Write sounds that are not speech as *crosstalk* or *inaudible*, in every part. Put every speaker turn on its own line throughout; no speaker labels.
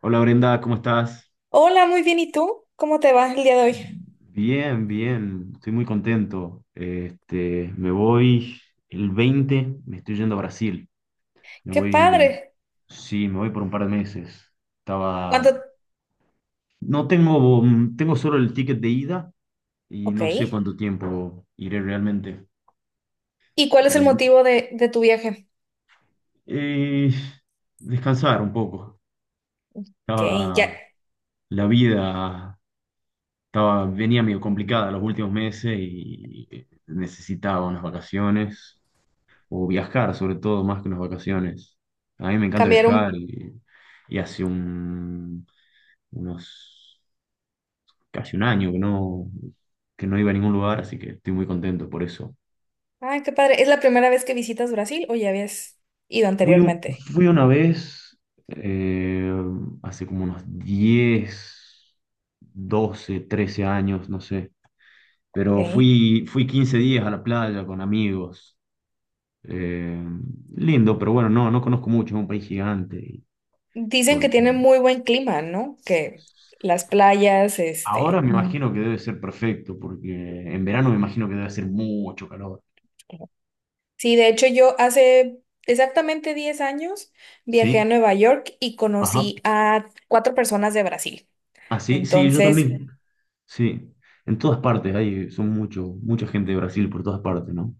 Hola Brenda, ¿cómo estás?
Hola, muy bien. ¿Y tú? ¿Cómo te vas el día de hoy?
Bien, bien, estoy muy contento. Me voy el 20. Me estoy yendo a Brasil. Me
¡Qué
voy,
padre!
sí, me voy por un par de meses.
¿Cuánto?
Estaba, no tengo, tengo solo el ticket de ida y
Ok.
no sé cuánto tiempo iré realmente.
¿Y cuál es el
Eh,
motivo de tu viaje?
eh, descansar un poco.
Ok, ya
Estaba, la vida estaba, venía medio complicada los últimos meses y necesitaba unas vacaciones. O viajar, sobre todo, más que unas vacaciones. A mí me encanta viajar
cambiaron.
y, y unos, casi un año que no iba a ningún lugar, así que estoy muy contento por eso.
Ay, qué padre. ¿Es la primera vez que visitas Brasil o ya habías ido
Fui, un-
anteriormente?
fui una vez, eh, hace como unos 10 12 13 años, no sé, pero
Ok.
fui 15 días a la playa con amigos. Eh, lindo, pero bueno, no conozco mucho, es un país gigante. Y
Dicen
bueno,
que tiene muy buen clima, ¿no? Que las playas,
ahora
este,
me
mm.
imagino que debe ser perfecto, porque en verano me imagino que debe hacer mucho calor.
Sí, de hecho yo hace exactamente 10 años viajé
¿Sí?
a Nueva York y
Ajá.
conocí a cuatro personas de Brasil.
Ah, sí, sí, yo
Entonces,
también. Sí. En todas partes hay, son mucho, mucha gente de Brasil por todas partes, ¿no?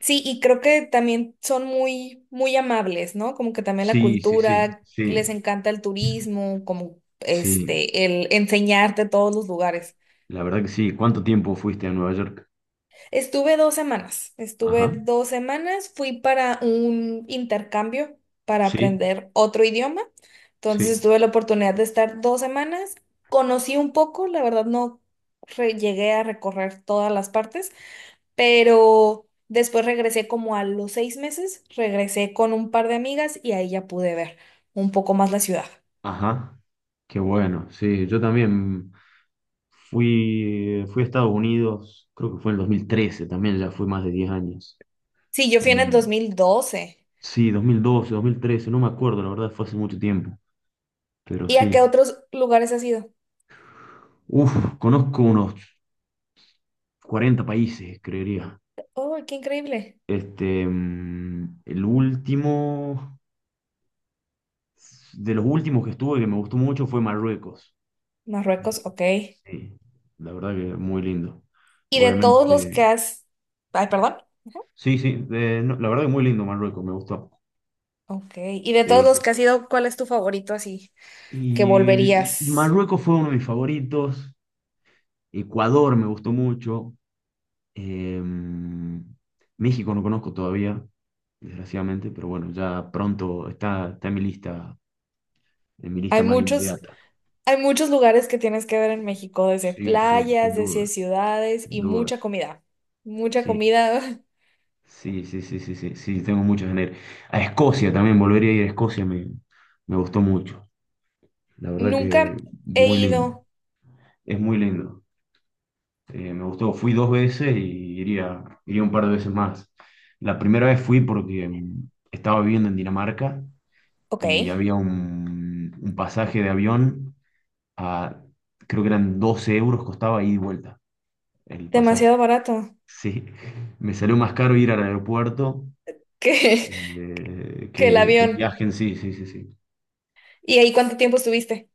sí, y creo que también son muy, muy amables, ¿no? Como que también la
Sí, sí, sí,
cultura, les
sí,
encanta el turismo, como
sí.
este, el enseñarte todos los lugares.
La verdad que sí. ¿Cuánto tiempo fuiste a Nueva York?
Estuve dos semanas, estuve
Ajá.
dos semanas, fui para un intercambio para
Sí,
aprender otro idioma.
sí.
Entonces tuve la oportunidad de estar 2 semanas, conocí un poco, la verdad no llegué a recorrer todas las partes, pero después regresé como a los 6 meses, regresé con un par de amigas y ahí ya pude ver un poco más la ciudad.
Ajá. Qué bueno. Sí, yo también fui a Estados Unidos, creo que fue en el 2013, también ya fue más de 10 años.
Sí, yo fui en el 2012.
Sí, 2012, 2013, no me acuerdo, la verdad fue hace mucho tiempo, pero
¿Y a qué
sí.
otros lugares has ido?
Uf, conozco unos 40 países, creería.
¡Oh, qué increíble!
Este, mm, el último, de los últimos que estuve que me gustó mucho fue Marruecos.
Marruecos, ok.
Sí, la verdad que muy lindo.
¿Y de todos los
Obviamente,
que has... Ay, perdón.
sí, sí, no, la verdad que muy lindo Marruecos, me gustó.
Ok. ¿Y de todos
Eh,
los que has ido, cuál es tu favorito así? Que
y
volverías.
Marruecos fue uno de mis favoritos, Ecuador me gustó mucho. Em, México no conozco todavía, desgraciadamente, pero bueno, ya pronto está en mi lista
Hay
más
muchos,
inmediata.
hay muchos lugares que tienes que ver en México, desde
Sí, sí, sin
playas, desde
duda,
ciudades
sin
y
duda.
mucha comida. Mucha
Sí,
comida. *laughs*
sí, sí, sí, sí, sí, sí, tengo muchas ganas de ir. A Escocia también, volvería a ir a Escocia, me gustó mucho. La verdad
Nunca
que
he
muy lindo,
ido,
es muy lindo. Me gustó, fui dos veces y iría un par de veces más. La primera vez fui porque estaba viviendo en Dinamarca
ok,
y había un pasaje de avión a, creo que eran 12 euros, costaba ida y vuelta el pasaje.
demasiado barato
Sí, me salió más caro ir al aeropuerto
que, *laughs* que el
que el
avión.
viaje en sí, sí, sí, sí.
¿Y ahí cuánto tiempo estuviste?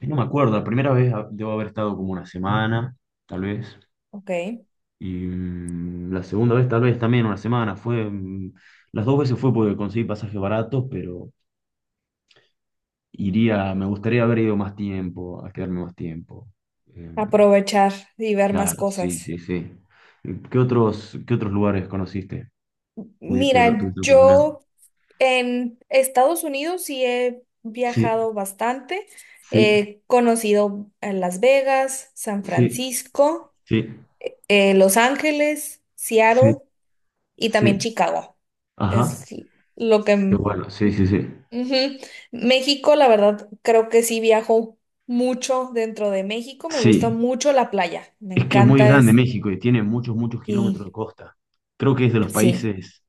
Y no me acuerdo, la primera vez debo haber estado como una semana, tal vez,
Ok,
y la segunda vez tal vez también una semana, las dos veces fue porque conseguí pasajes baratos, pero iría, me gustaría haber ido más tiempo, a quedarme más tiempo. Eh,
aprovechar y ver más
Claro, sí,
cosas.
sí, sí. Qué otros lugares conociste?
Mira,
¿Tuviste la oportunidad?
yo en Estados Unidos sí he
Sí,
viajado bastante.
sí,
He conocido a Las Vegas, San
sí,
Francisco,
sí,
Los Ángeles,
sí,
Seattle y
sí.
también Chicago.
Ajá.
Es lo
Qué
que
bueno, sí, sí, sí.
ujú. México, la verdad, creo que sí viajo mucho dentro de México. Me gusta
Sí,
mucho la playa. Me
es que es muy
encanta
grande
es.
México y tiene muchos, muchos kilómetros de
Sí,
costa. Creo que es de los
sí.
países,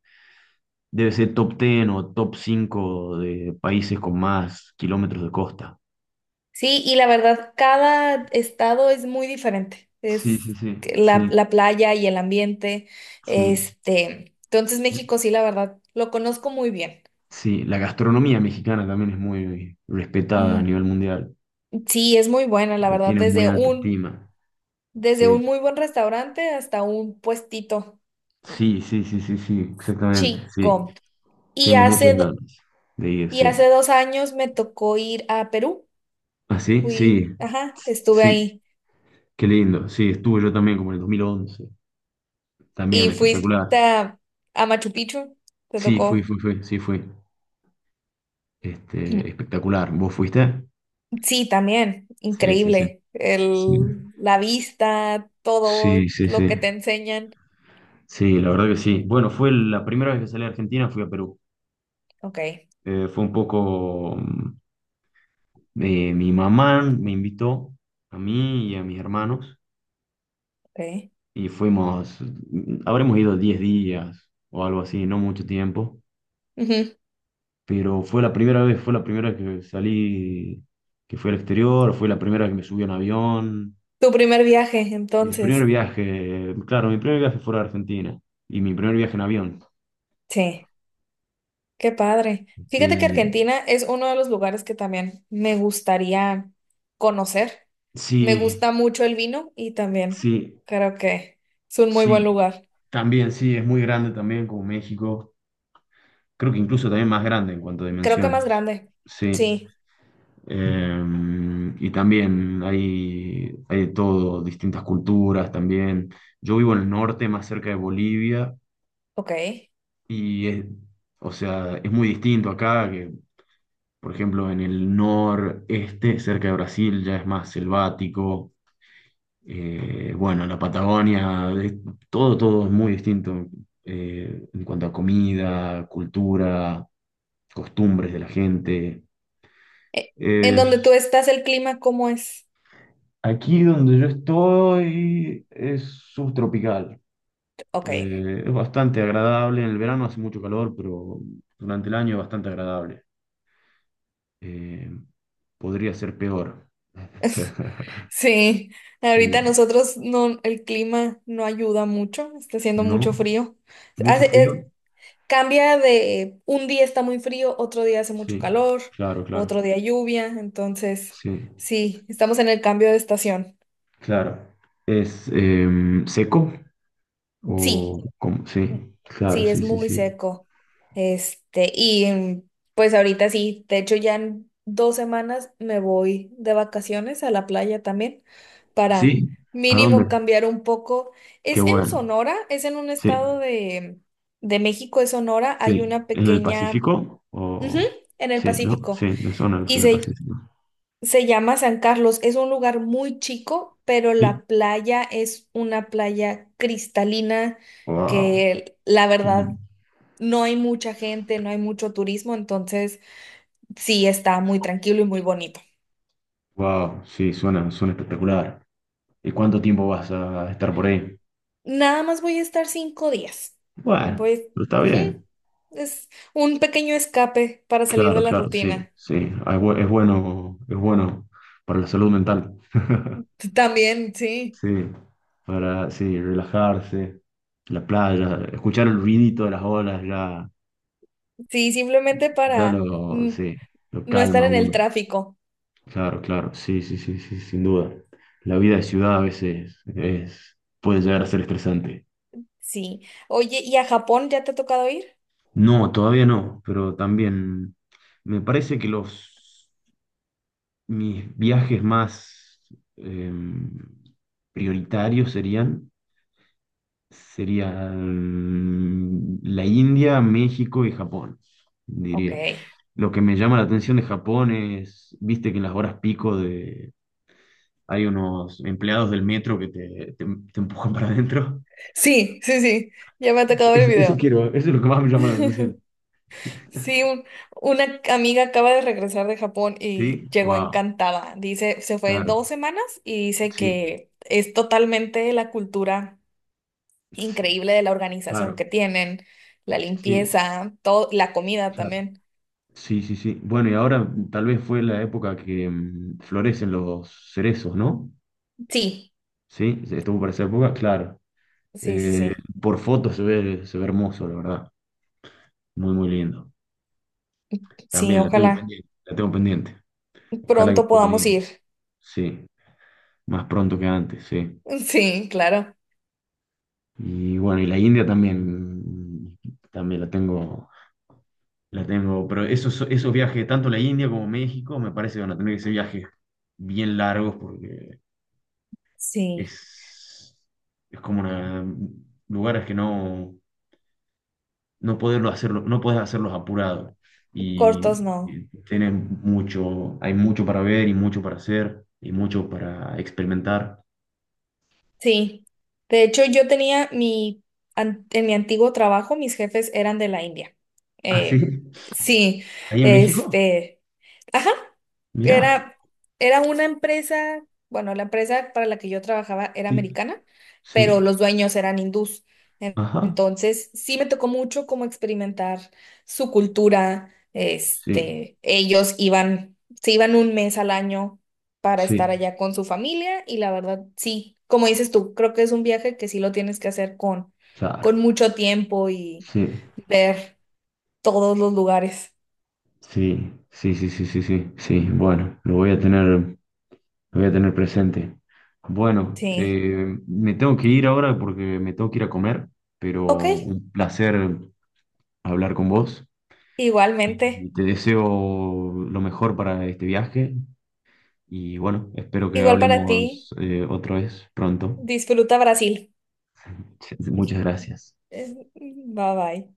debe ser top 10 o top 5 de países con más kilómetros de costa.
Sí, y la verdad, cada estado es muy diferente.
Sí, sí,
Es
sí,
que la,
sí,
la playa y el ambiente.
sí.
Este, entonces México, sí, la verdad, lo conozco muy bien.
Sí, la gastronomía mexicana también es muy respetada a
Mm,
nivel mundial.
sí, es muy buena, la
Le
verdad,
tienes muy
desde
alta
un,
estima.
desde un
Sí,
muy buen restaurante hasta un puestito mm,
sí, sí, sí, sí, sí, exactamente. Sí,
chico. Y
tengo muchas
hace, do-
ganas de ir,
Y
sí.
hace 2 años me tocó ir a Perú.
¿Ah, sí?
Fui,
Sí,
ajá, estuve
sí,
ahí.
qué lindo. Sí, estuve yo también como en el dos mil once. También
Y fuiste
espectacular.
a Machu Picchu. Te
Sí, fui,
tocó.
fui, fui, sí, fui.
*clears throat*
Espectacular. ¿Vos fuiste?
Sí, también.
Sí, sí, sí.
Increíble.
Sí,
El, la vista,
sí,
todo
sí,
lo
sí.
que te enseñan.
Sí, la verdad que sí. Bueno, fue la primera vez que salí a Argentina, fui a Perú.
Ok,
Fue un poco... mi mamá me invitó a mí y a mis hermanos.
ok.
Y fuimos, habremos ido 10 días o algo así, no mucho tiempo,
Ujú.
pero fue la primera vez, fue la primera vez que salí, que fui al exterior, fue la primera vez que me subí a un avión,
Tu primer viaje,
mi primer
entonces.
viaje, claro, mi primer viaje fuera de Argentina y mi primer viaje en avión.
Sí. Qué padre.
Este,
Fíjate que Argentina es uno de los lugares que también me gustaría conocer. Me
sí,
gusta mucho el vino y también
sí,
creo que es un muy buen
sí,
lugar.
también, sí, es muy grande también como México, creo que incluso también más grande en cuanto a
Creo que más
dimensiones,
grande.
sí.
Sí,
También hay, hay de todo, distintas culturas también. Yo vivo en el norte, más cerca de Bolivia,
ok.
y es, o sea, es muy distinto acá, que por ejemplo en el noreste, cerca de Brasil, ya es más selvático. Bueno, todo, todo es muy distinto en cuanto a comida, cultura, costumbres de la gente.
¿En donde tú estás el clima cómo es?
Aquí donde yo estoy es subtropical.
Ok.
Es bastante agradable. En el verano hace mucho calor, pero durante el año es bastante agradable. Eh, podría ser peor.
*laughs*
*laughs*
Sí, ahorita
Sí,
nosotros no, el clima no ayuda mucho, está haciendo
¿no?
mucho frío.
¿Mucho
Hace,
frío?
cambia de un día está muy frío, otro día hace mucho
Sí,
calor,
claro,
otro
claro.
día lluvia, entonces
Sí,
sí, estamos en el cambio de estación.
claro. ¿Es seco?
Sí,
¿O cómo? Sí, claro,
sí, es
sí, sí,
muy
sí.
seco. Este, y pues ahorita sí, de hecho ya en 2 semanas me voy de vacaciones a la playa también para
¿Sí? ¿A
mínimo
dónde?
cambiar un poco.
Qué
Es en
bueno.
Sonora, es en un
Sí,
estado de México, es Sonora, hay
sí,
una
¿en el
pequeña,
Pacífico?
ujú,
O...
en el
Sí, ¿no? Sí,
Pacífico.
me suena que
Y
es el
se
Pacífico.
Se llama San Carlos, es un lugar muy chico, pero
Sí.
la playa es una playa cristalina
Wow.
que la
Qué lindo.
verdad no hay mucha gente, no hay mucho turismo, entonces sí está muy tranquilo y muy bonito.
Wow, sí, suena, suena espectacular. ¿Y cuánto tiempo vas a estar por ahí?
Nada más voy a estar 5 días.
Bueno,
Voy,
pero está
ujú,
bien.
es un pequeño escape para salir de
Claro,
la
claro, sí,
rutina.
sí. Ah, es bueno para la salud mental. *laughs*
*laughs* También, sí.
Sí, sí, relajarse, la playa, escuchar el ruidito de las olas ya,
Sí, simplemente para
sí, lo
no estar
calma a
en el
uno.
tráfico.
Claro, claro, sí, sí, sí, sí, sin duda. La vida de ciudad a veces es, puede llegar a ser estresante.
Sí. Oye, ¿y a Japón ya te ha tocado ir?
No, todavía no, pero también me parece que mis viajes más em, prioritarios serían la India, México y Japón,
Ok.
diría. Lo que me llama la atención de Japón es, viste que en las horas pico de, hay unos empleados del metro que te te empujan para adentro.
Sí, sí, sí. Ya me ha tocado ver el
Eso
video.
quiero, eso es lo que más me llama la atención.
*laughs* Sí,
*laughs*
una amiga acaba de regresar de Japón y
Sí,
llegó
wow,
encantada. Dice, se fue
claro,
2 semanas y dice
sí,
que es totalmente la cultura
sí,
increíble de la organización
claro,
que tienen, la
sí,
limpieza, todo, la comida
claro,
también.
sí, sí, sí. Bueno, y ahora tal vez fue la época que florecen los cerezos, ¿no?
Sí,
Sí, estuvo para esa época, claro.
sí, sí,
Eh,
sí.
por fotos se ve hermoso, la verdad. Muy, muy lindo.
Sí,
También la tengo
ojalá
pendiente, la tengo pendiente. Ojalá que
pronto
pueda
podamos
ir,
ir. *laughs*
sí, más pronto que antes, sí.
Sí, claro.
Y bueno, y la India también, también la tengo, la tengo, pero esos, esos viajes, tanto la India como México, me parece que van a tener que ser viajes bien largos porque
Sí.
es, es como una, lugares que no, no poderlo hacerlo, no podés hacerlos apurados.
Cortos no.
Y tenés mucho, hay mucho para ver y mucho para hacer y mucho para experimentar.
Sí, de hecho yo tenía en mi antiguo trabajo, mis jefes eran de la India.
¿Ah, sí?
Eh, sí,
¿Ahí en México?
este, ajá,
Mirá.
era, era una empresa, bueno, la empresa para la que yo trabajaba era
Sí,
americana, pero
sí.
los dueños eran hindús.
Ajá.
Entonces, sí me tocó mucho como experimentar su cultura,
Sí,
este, ellos iban, se iban un mes al año para estar
sí,
allá con su familia y la verdad, sí, como dices tú, creo que es un viaje que sí lo tienes que hacer con,
claro.
mucho tiempo y
Sí.
ver todos los lugares.
Sí, sí, sí, sí, sí, sí, sí. Bueno, lo voy a tener, lo voy a tener presente. Bueno,
Sí.
me tengo que ir ahora porque me tengo que ir a comer, pero
Ok,
un placer hablar con vos
igualmente.
y te deseo lo mejor para este viaje y bueno, espero que
Igual para ti.
hablemos otra vez pronto.
Disfruta Brasil.
*laughs* Muchas gracias.
Bye bye.